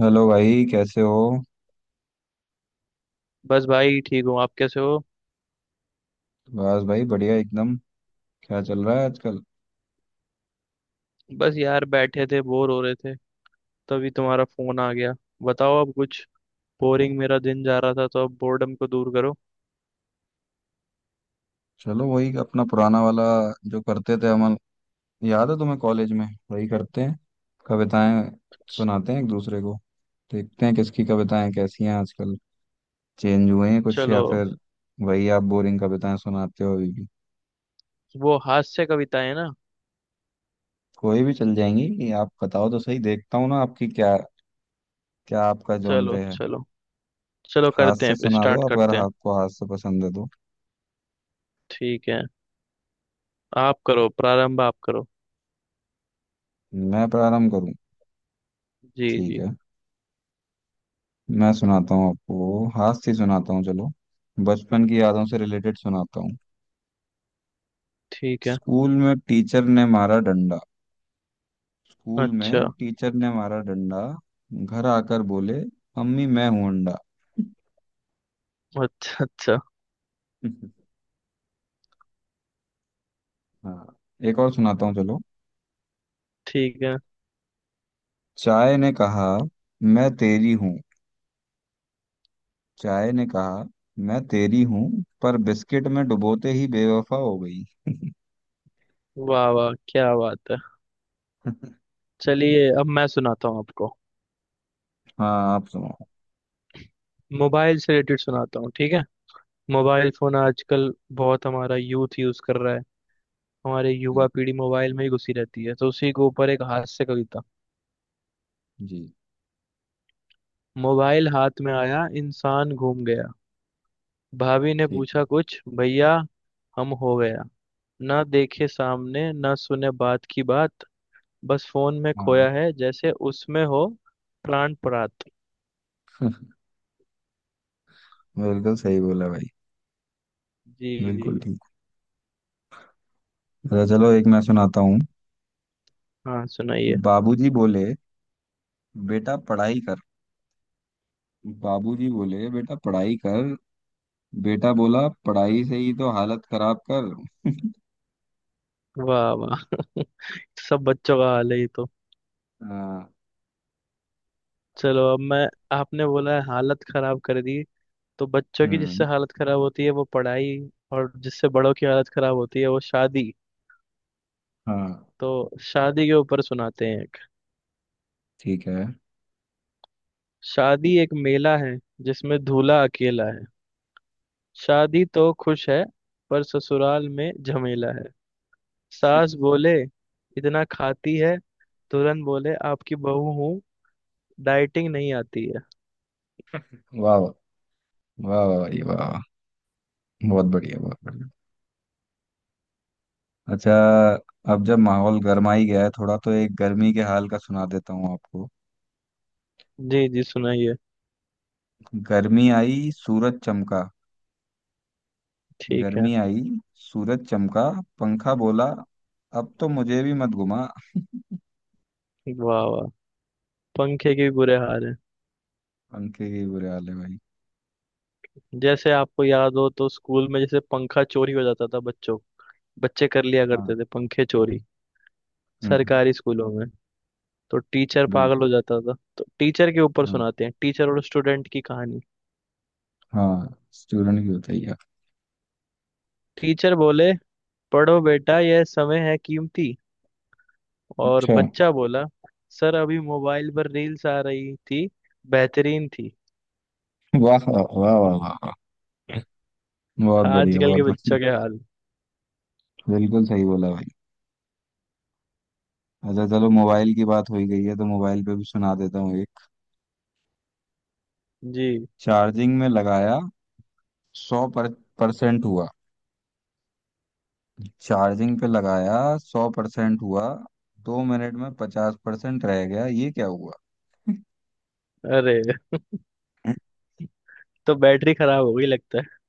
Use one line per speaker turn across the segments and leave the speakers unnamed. Hello भाई कैसे हो।
बस भाई ठीक हूँ। आप कैसे हो?
बस भाई बढ़िया एकदम। क्या चल रहा है आजकल।
बस यार बैठे थे बोर हो रहे थे। तभी तुम्हारा फोन आ गया। बताओ अब कुछ। बोरिंग मेरा दिन जा रहा था तो अब बोर्डम को दूर करो।
चलो वही अपना पुराना वाला जो करते थे हम। याद है तुम्हें कॉलेज में वही करते हैं। कविताएं सुनाते हैं एक दूसरे को। देखते हैं किसकी कविताएं कैसी हैं आजकल। चेंज हुए हैं कुछ या
चलो।
फिर वही आप बोरिंग कविताएं सुनाते हो अभी भी।
वो हास्य कविताएं ना?
कोई भी चल जाएंगी आप बताओ तो सही देखता हूँ ना आपकी क्या क्या आपका जॉनर
चलो
है।
चलो। चलो
हाथ
करते
से
हैं, फिर
सुना दो
स्टार्ट
आप अगर
करते हैं।
आपको हाथ से पसंद है तो।
ठीक है। आप करो प्रारंभ। आप करो।
मैं प्रारंभ करूँ?
जी
ठीक
जी।
है। मैं सुनाता हूँ आपको, हास्य सुनाता हूँ चलो। बचपन की यादों से रिलेटेड सुनाता हूँ।
ठीक है।
स्कूल में टीचर ने मारा डंडा, स्कूल में
अच्छा।
टीचर ने मारा डंडा, घर आकर बोले अम्मी मैं हूं अंडा।
अच्छा अच्छा।
हाँ, एक और सुनाता हूँ चलो।
ठीक है।
चाय ने कहा मैं तेरी हूँ, चाय ने कहा मैं तेरी हूँ, पर बिस्किट में डुबोते ही बेवफा हो गई।
वाह वाह, क्या बात है। चलिए अब मैं सुनाता हूँ आपको।
हाँ आप सुनो।
मोबाइल से रिलेटेड सुनाता हूँ, ठीक है। मोबाइल फोन आजकल बहुत हमारा यूथ यूज कर रहा है। हमारे युवा
बिल्कुल,
पीढ़ी मोबाइल में ही घुसी रहती है, तो उसी के ऊपर एक हास्य कविता।
जी।
मोबाइल हाथ में आया, इंसान घूम गया। भाभी ने
ठीक है।
पूछा कुछ भैया, हम हो गया। ना देखे सामने, ना सुने बात की बात। बस फोन में
हाँ,
खोया है जैसे उसमें हो प्राण प्रात।
बिल्कुल सही बोला भाई।
जी। जी।
बिल्कुल ठीक। तो चलो एक मैं सुनाता हूँ।
हाँ सुनाइए।
बाबूजी बोले बेटा पढ़ाई कर, बाबूजी बोले बेटा पढ़ाई कर, बेटा बोला पढ़ाई से ही तो हालत खराब कर।
वाह वाह। सब बच्चों का हाल है ये तो।
हाँ।
चलो अब मैं। आपने बोला है हालत खराब कर दी। तो बच्चों की जिससे
हम्म।
हालत खराब होती है वो पढ़ाई। और जिससे बड़ों की हालत खराब होती है वो शादी।
हाँ।
तो शादी के ऊपर सुनाते हैं एक।
ठीक है।
शादी एक मेला है, जिसमें दूल्हा अकेला है। शादी तो खुश है, पर ससुराल में झमेला है। सास बोले इतना खाती है, तुरंत बोले आपकी बहू हूँ, डाइटिंग नहीं आती है।
वाह वाह, वाह वाह भाई वाह वाह। बहुत बढ़िया, बहुत बढ़िया। अच्छा, अब जब माहौल गर्मा ही गया है थोड़ा तो एक गर्मी के हाल का सुना देता हूँ आपको।
जी। जी सुनाइए।
गर्मी आई सूरज चमका,
ठीक है।
गर्मी आई सूरज चमका, पंखा बोला अब तो मुझे भी मत घुमा।
वाह वाह। पंखे के भी बुरे हाल है।
पंखे के बुरे हाल है भाई।
जैसे आपको याद हो तो स्कूल में जैसे पंखा चोरी हो जाता था, बच्चों, बच्चे कर लिया करते
हाँ।
थे पंखे चोरी।
हम्म।
सरकारी स्कूलों में तो टीचर पागल
बिल्कुल।
हो जाता था, तो टीचर के ऊपर
हाँ,
सुनाते हैं, टीचर और स्टूडेंट की कहानी।
हाँ स्टूडेंट की बताइए आप।
टीचर बोले पढ़ो बेटा, यह समय है कीमती। और
अच्छा।
बच्चा बोला सर अभी मोबाइल पर रील्स आ रही थी, बेहतरीन थी।
वाह वाह वाह वाह वाह। बहुत बढ़िया,
आजकल
बहुत
के
बढ़िया।
बच्चों के हाल।
बिल्कुल सही बोला भाई। अच्छा चलो, मोबाइल की बात हो ही गई है तो मोबाइल पे भी सुना देता हूँ एक।
जी।
चार्जिंग में लगाया सौ परसेंट हुआ, चार्जिंग पे लगाया 100% हुआ, 2 मिनट में 50% रह गया ये क्या हुआ।
अरे। तो बैटरी खराब हो गई लगता है।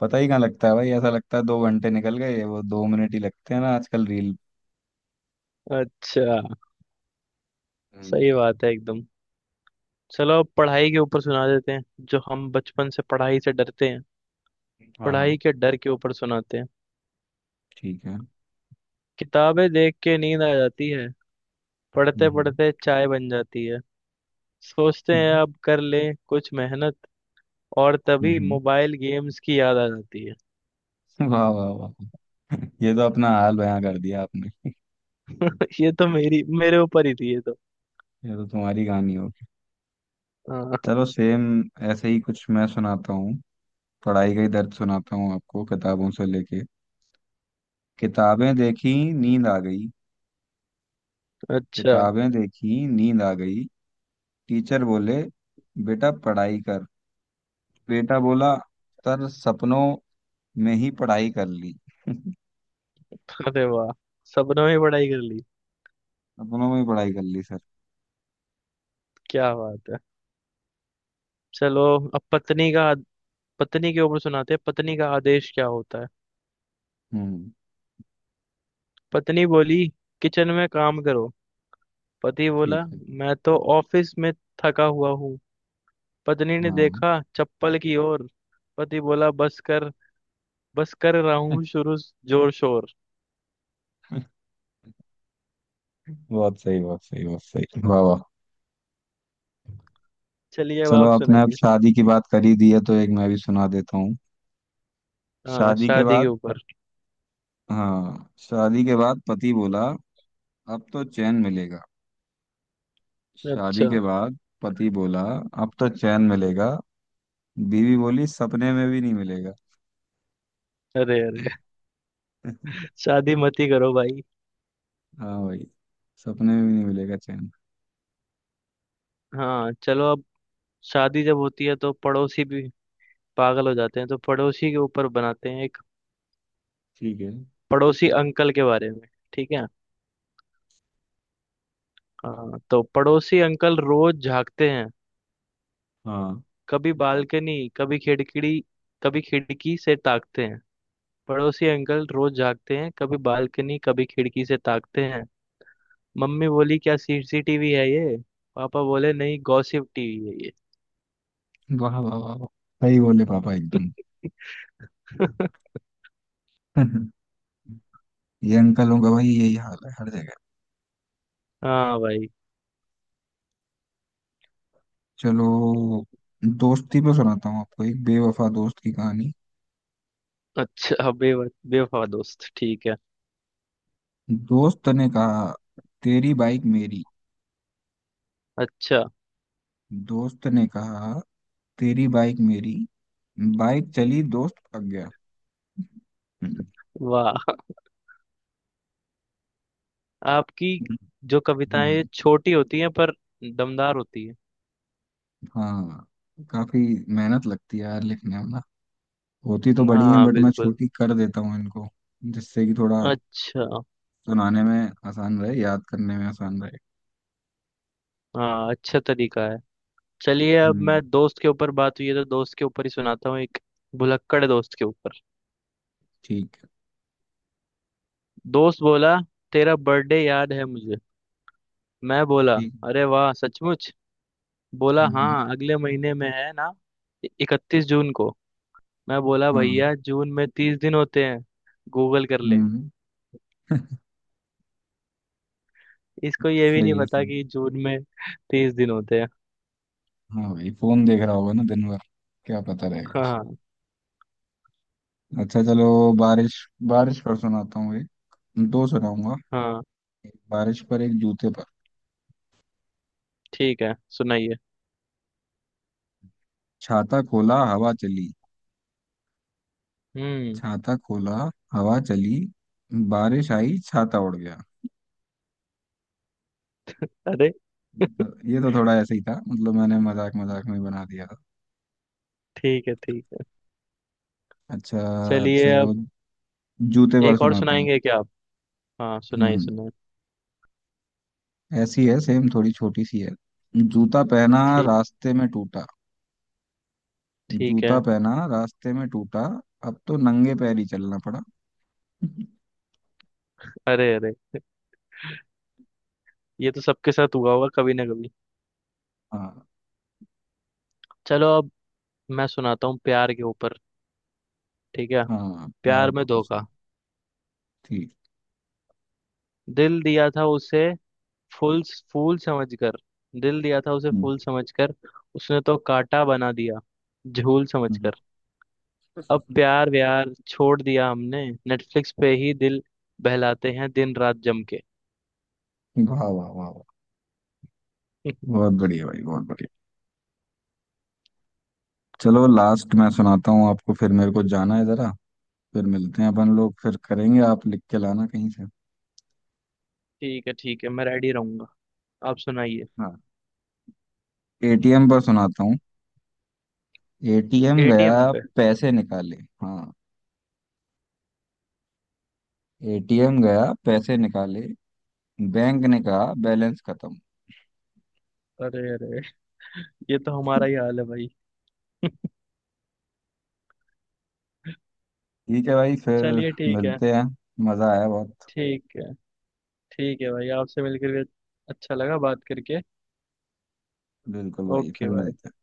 पता ही कहाँ लगता है भाई, ऐसा लगता है 2 घंटे निकल गए वो 2 मिनट ही लगते हैं ना आजकल
अच्छा।
रील।
सही बात है एकदम। चलो अब पढ़ाई के ऊपर सुना देते हैं। जो हम बचपन से पढ़ाई से डरते हैं,
हाँ हाँ।
पढ़ाई के डर के ऊपर सुनाते हैं।
ठीक है।
किताबें देख के नींद आ जाती है। पढ़ते
हम्म
पढ़ते चाय बन जाती है। सोचते हैं
हम्म
अब कर लें कुछ मेहनत, और तभी
हम्म,
मोबाइल गेम्स की याद आ जाती है।
वाह वाह वाह। ये तो अपना हाल बयां कर दिया आपने।
ये तो मेरी, मेरे ऊपर ही थी ये तो।
ये तो तुम्हारी कहानी होगी।
हाँ।
चलो सेम ऐसे ही कुछ मैं सुनाता हूँ। पढ़ाई का ही दर्द सुनाता हूँ आपको, किताबों से लेके। किताबें देखी नींद आ गई,
अच्छा।
किताबें देखी नींद आ गई, टीचर बोले बेटा पढ़ाई कर, बेटा बोला सर सपनों में ही पढ़ाई कर ली।
अरे वाह। सबने ही पढ़ाई कर ली।
सपनों में ही पढ़ाई कर ली सर।
क्या बात है। चलो अब पत्नी का, पत्नी के ऊपर सुनाते हैं पत्नी का आदेश क्या होता है।
हम्म।
पत्नी बोली किचन में काम करो। पति
ठीक
बोला
है।
मैं तो ऑफिस में थका हुआ हूँ। पत्नी ने
हाँ।
देखा चप्पल की ओर। पति बोला बस कर, बस कर रहा हूँ शुरू जोर शोर।
बहुत सही, बहुत सही, बहुत सही, वाह वाह।
चलिए अब
चलो
आप
आपने अब
सुनाइए।
शादी की बात कर ही दी है तो एक मैं भी सुना देता हूँ।
हाँ
शादी के
शादी के
बाद,
ऊपर।
हाँ शादी के बाद पति बोला अब तो चैन मिलेगा, शादी
अच्छा।
के बाद पति बोला अब तो चैन मिलेगा, बीवी बोली सपने में भी नहीं मिलेगा।
अरे अरे। शादी मत ही करो भाई।
हाँ भाई, सपने में भी नहीं मिलेगा चैन।
हाँ चलो अब, शादी जब होती है तो पड़ोसी भी पागल हो जाते हैं, तो पड़ोसी के ऊपर बनाते हैं एक।
ठीक है।
पड़ोसी अंकल के बारे में। ठीक है। हाँ तो पड़ोसी अंकल रोज झांकते हैं,
हाँ।
कभी बालकनी कभी खिड़की, कभी खिड़की से ताकते हैं। पड़ोसी अंकल रोज जागते हैं, कभी बालकनी कभी खिड़की से ताकते हैं। मम्मी बोली क्या सीसीटीवी है ये, पापा बोले नहीं गॉसिप टीवी है ये।
वाह वाह वाह वाह। सही बोले पापा एकदम। ये अंकलों का भाई यही हाल है हर जगह।
हाँ भाई।
चलो, दोस्ती पे सुनाता हूँ आपको, एक बेवफा दोस्त की कहानी।
अच्छा, बे, बेवफा दोस्त, ठीक है।
दोस्त ने कहा तेरी बाइक मेरी,
अच्छा।
दोस्त ने कहा तेरी बाइक मेरी, बाइक चली दोस्त पक गया। हम्म।
वाह। आपकी जो कविताएं
हम्म।
छोटी होती हैं पर दमदार होती है।
हाँ। काफी मेहनत लगती है यार लिखने में ना, होती तो बड़ी है
हाँ
बट मैं
बिल्कुल।
छोटी कर देता हूँ इनको, जिससे कि थोड़ा
अच्छा।
सुनाने में आसान रहे, याद करने में आसान रहे।
हाँ अच्छा तरीका है। चलिए अब मैं,
हम्म।
दोस्त के ऊपर बात हुई है तो दोस्त के ऊपर ही सुनाता हूँ एक। भुलक्कड़ दोस्त के ऊपर।
ठीक है,
दोस्त बोला तेरा बर्थडे याद है मुझे। मैं बोला
ठीक है।
अरे वाह सचमुच। बोला
हम्म।
हाँ अगले महीने में है ना, 31 जून को। मैं बोला
हाँ।
भैया जून में 30 दिन होते हैं, गूगल कर ले।
हम्म।
इसको ये भी नहीं
सही है
पता
सही
कि
है।
जून में 30 दिन होते हैं।
हाँ भाई फोन देख रहा होगा ना दिन भर, क्या पता रहेगा उसे।
हाँ
अच्छा चलो, बारिश, बारिश पर सुनाता हूँ एक, दो सुनाऊंगा,
हाँ।
एक बारिश पर एक जूते पर।
ठीक है सुनाइए।
छाता खोला हवा चली,
हम्म।
छाता खोला हवा चली, बारिश आई छाता उड़ गया।
अरे।
तो ये तो थोड़ा ऐसे ही था मतलब, मैंने मजाक मजाक में ही बना दिया था।
ठीक है ठीक है।
अच्छा
चलिए
चलो,
अब।
जूते पर
एक और
सुनाता हूँ।
सुनाएंगे क्या आप? हाँ सुनाइए
हम्म।
सुनाइए।
ऐसी है सेम, थोड़ी छोटी सी है। जूता पहना
ठीक।
रास्ते में टूटा,
ठीक
जूता
है।
पहना रास्ते में टूटा, अब तो नंगे पैर ही चलना पड़ा।
अरे अरे। ये तो सबके साथ हुआ होगा कभी ना कभी।
हाँ।
चलो अब मैं सुनाता हूँ प्यार के ऊपर। ठीक है।
हाँ
प्यार
प्यार को
में
कुछ।
धोखा।
ठीक।
दिल दिया था उसे फूल, फूल समझकर। दिल दिया था उसे
हम्म,
फूल समझकर, उसने तो कांटा बना दिया झूल
हम्म।
समझकर। अब प्यार व्यार छोड़ दिया हमने, नेटफ्लिक्स पे ही दिल बहलाते हैं दिन रात जम के।
वाह वाह वाह वाह, बहुत बढ़िया भाई बहुत बढ़िया। चलो लास्ट मैं सुनाता हूँ आपको, फिर मेरे को जाना है जरा। फिर मिलते हैं अपन लोग, फिर करेंगे, आप लिख के लाना कहीं से।
ठीक है ठीक है, मैं रेडी रहूंगा। आप सुनाइए।
हाँ। एटीएम पर सुनाता हूँ। एटीएम गया
एटीएम पे?
पैसे निकाले, हाँ एटीएम गया पैसे निकाले, बैंक ने कहा बैलेंस खत्म।
अरे अरे। ये तो हमारा ही हाल है भाई।
ठीक है भाई, फिर
चलिए ठीक है।
मिलते हैं, मज़ा आया बहुत।
ठीक है। ठीक है भाई, आपसे मिलकर भी अच्छा लगा, बात करके।
बिल्कुल भाई फिर
ओके भाई।
मिलते हैं।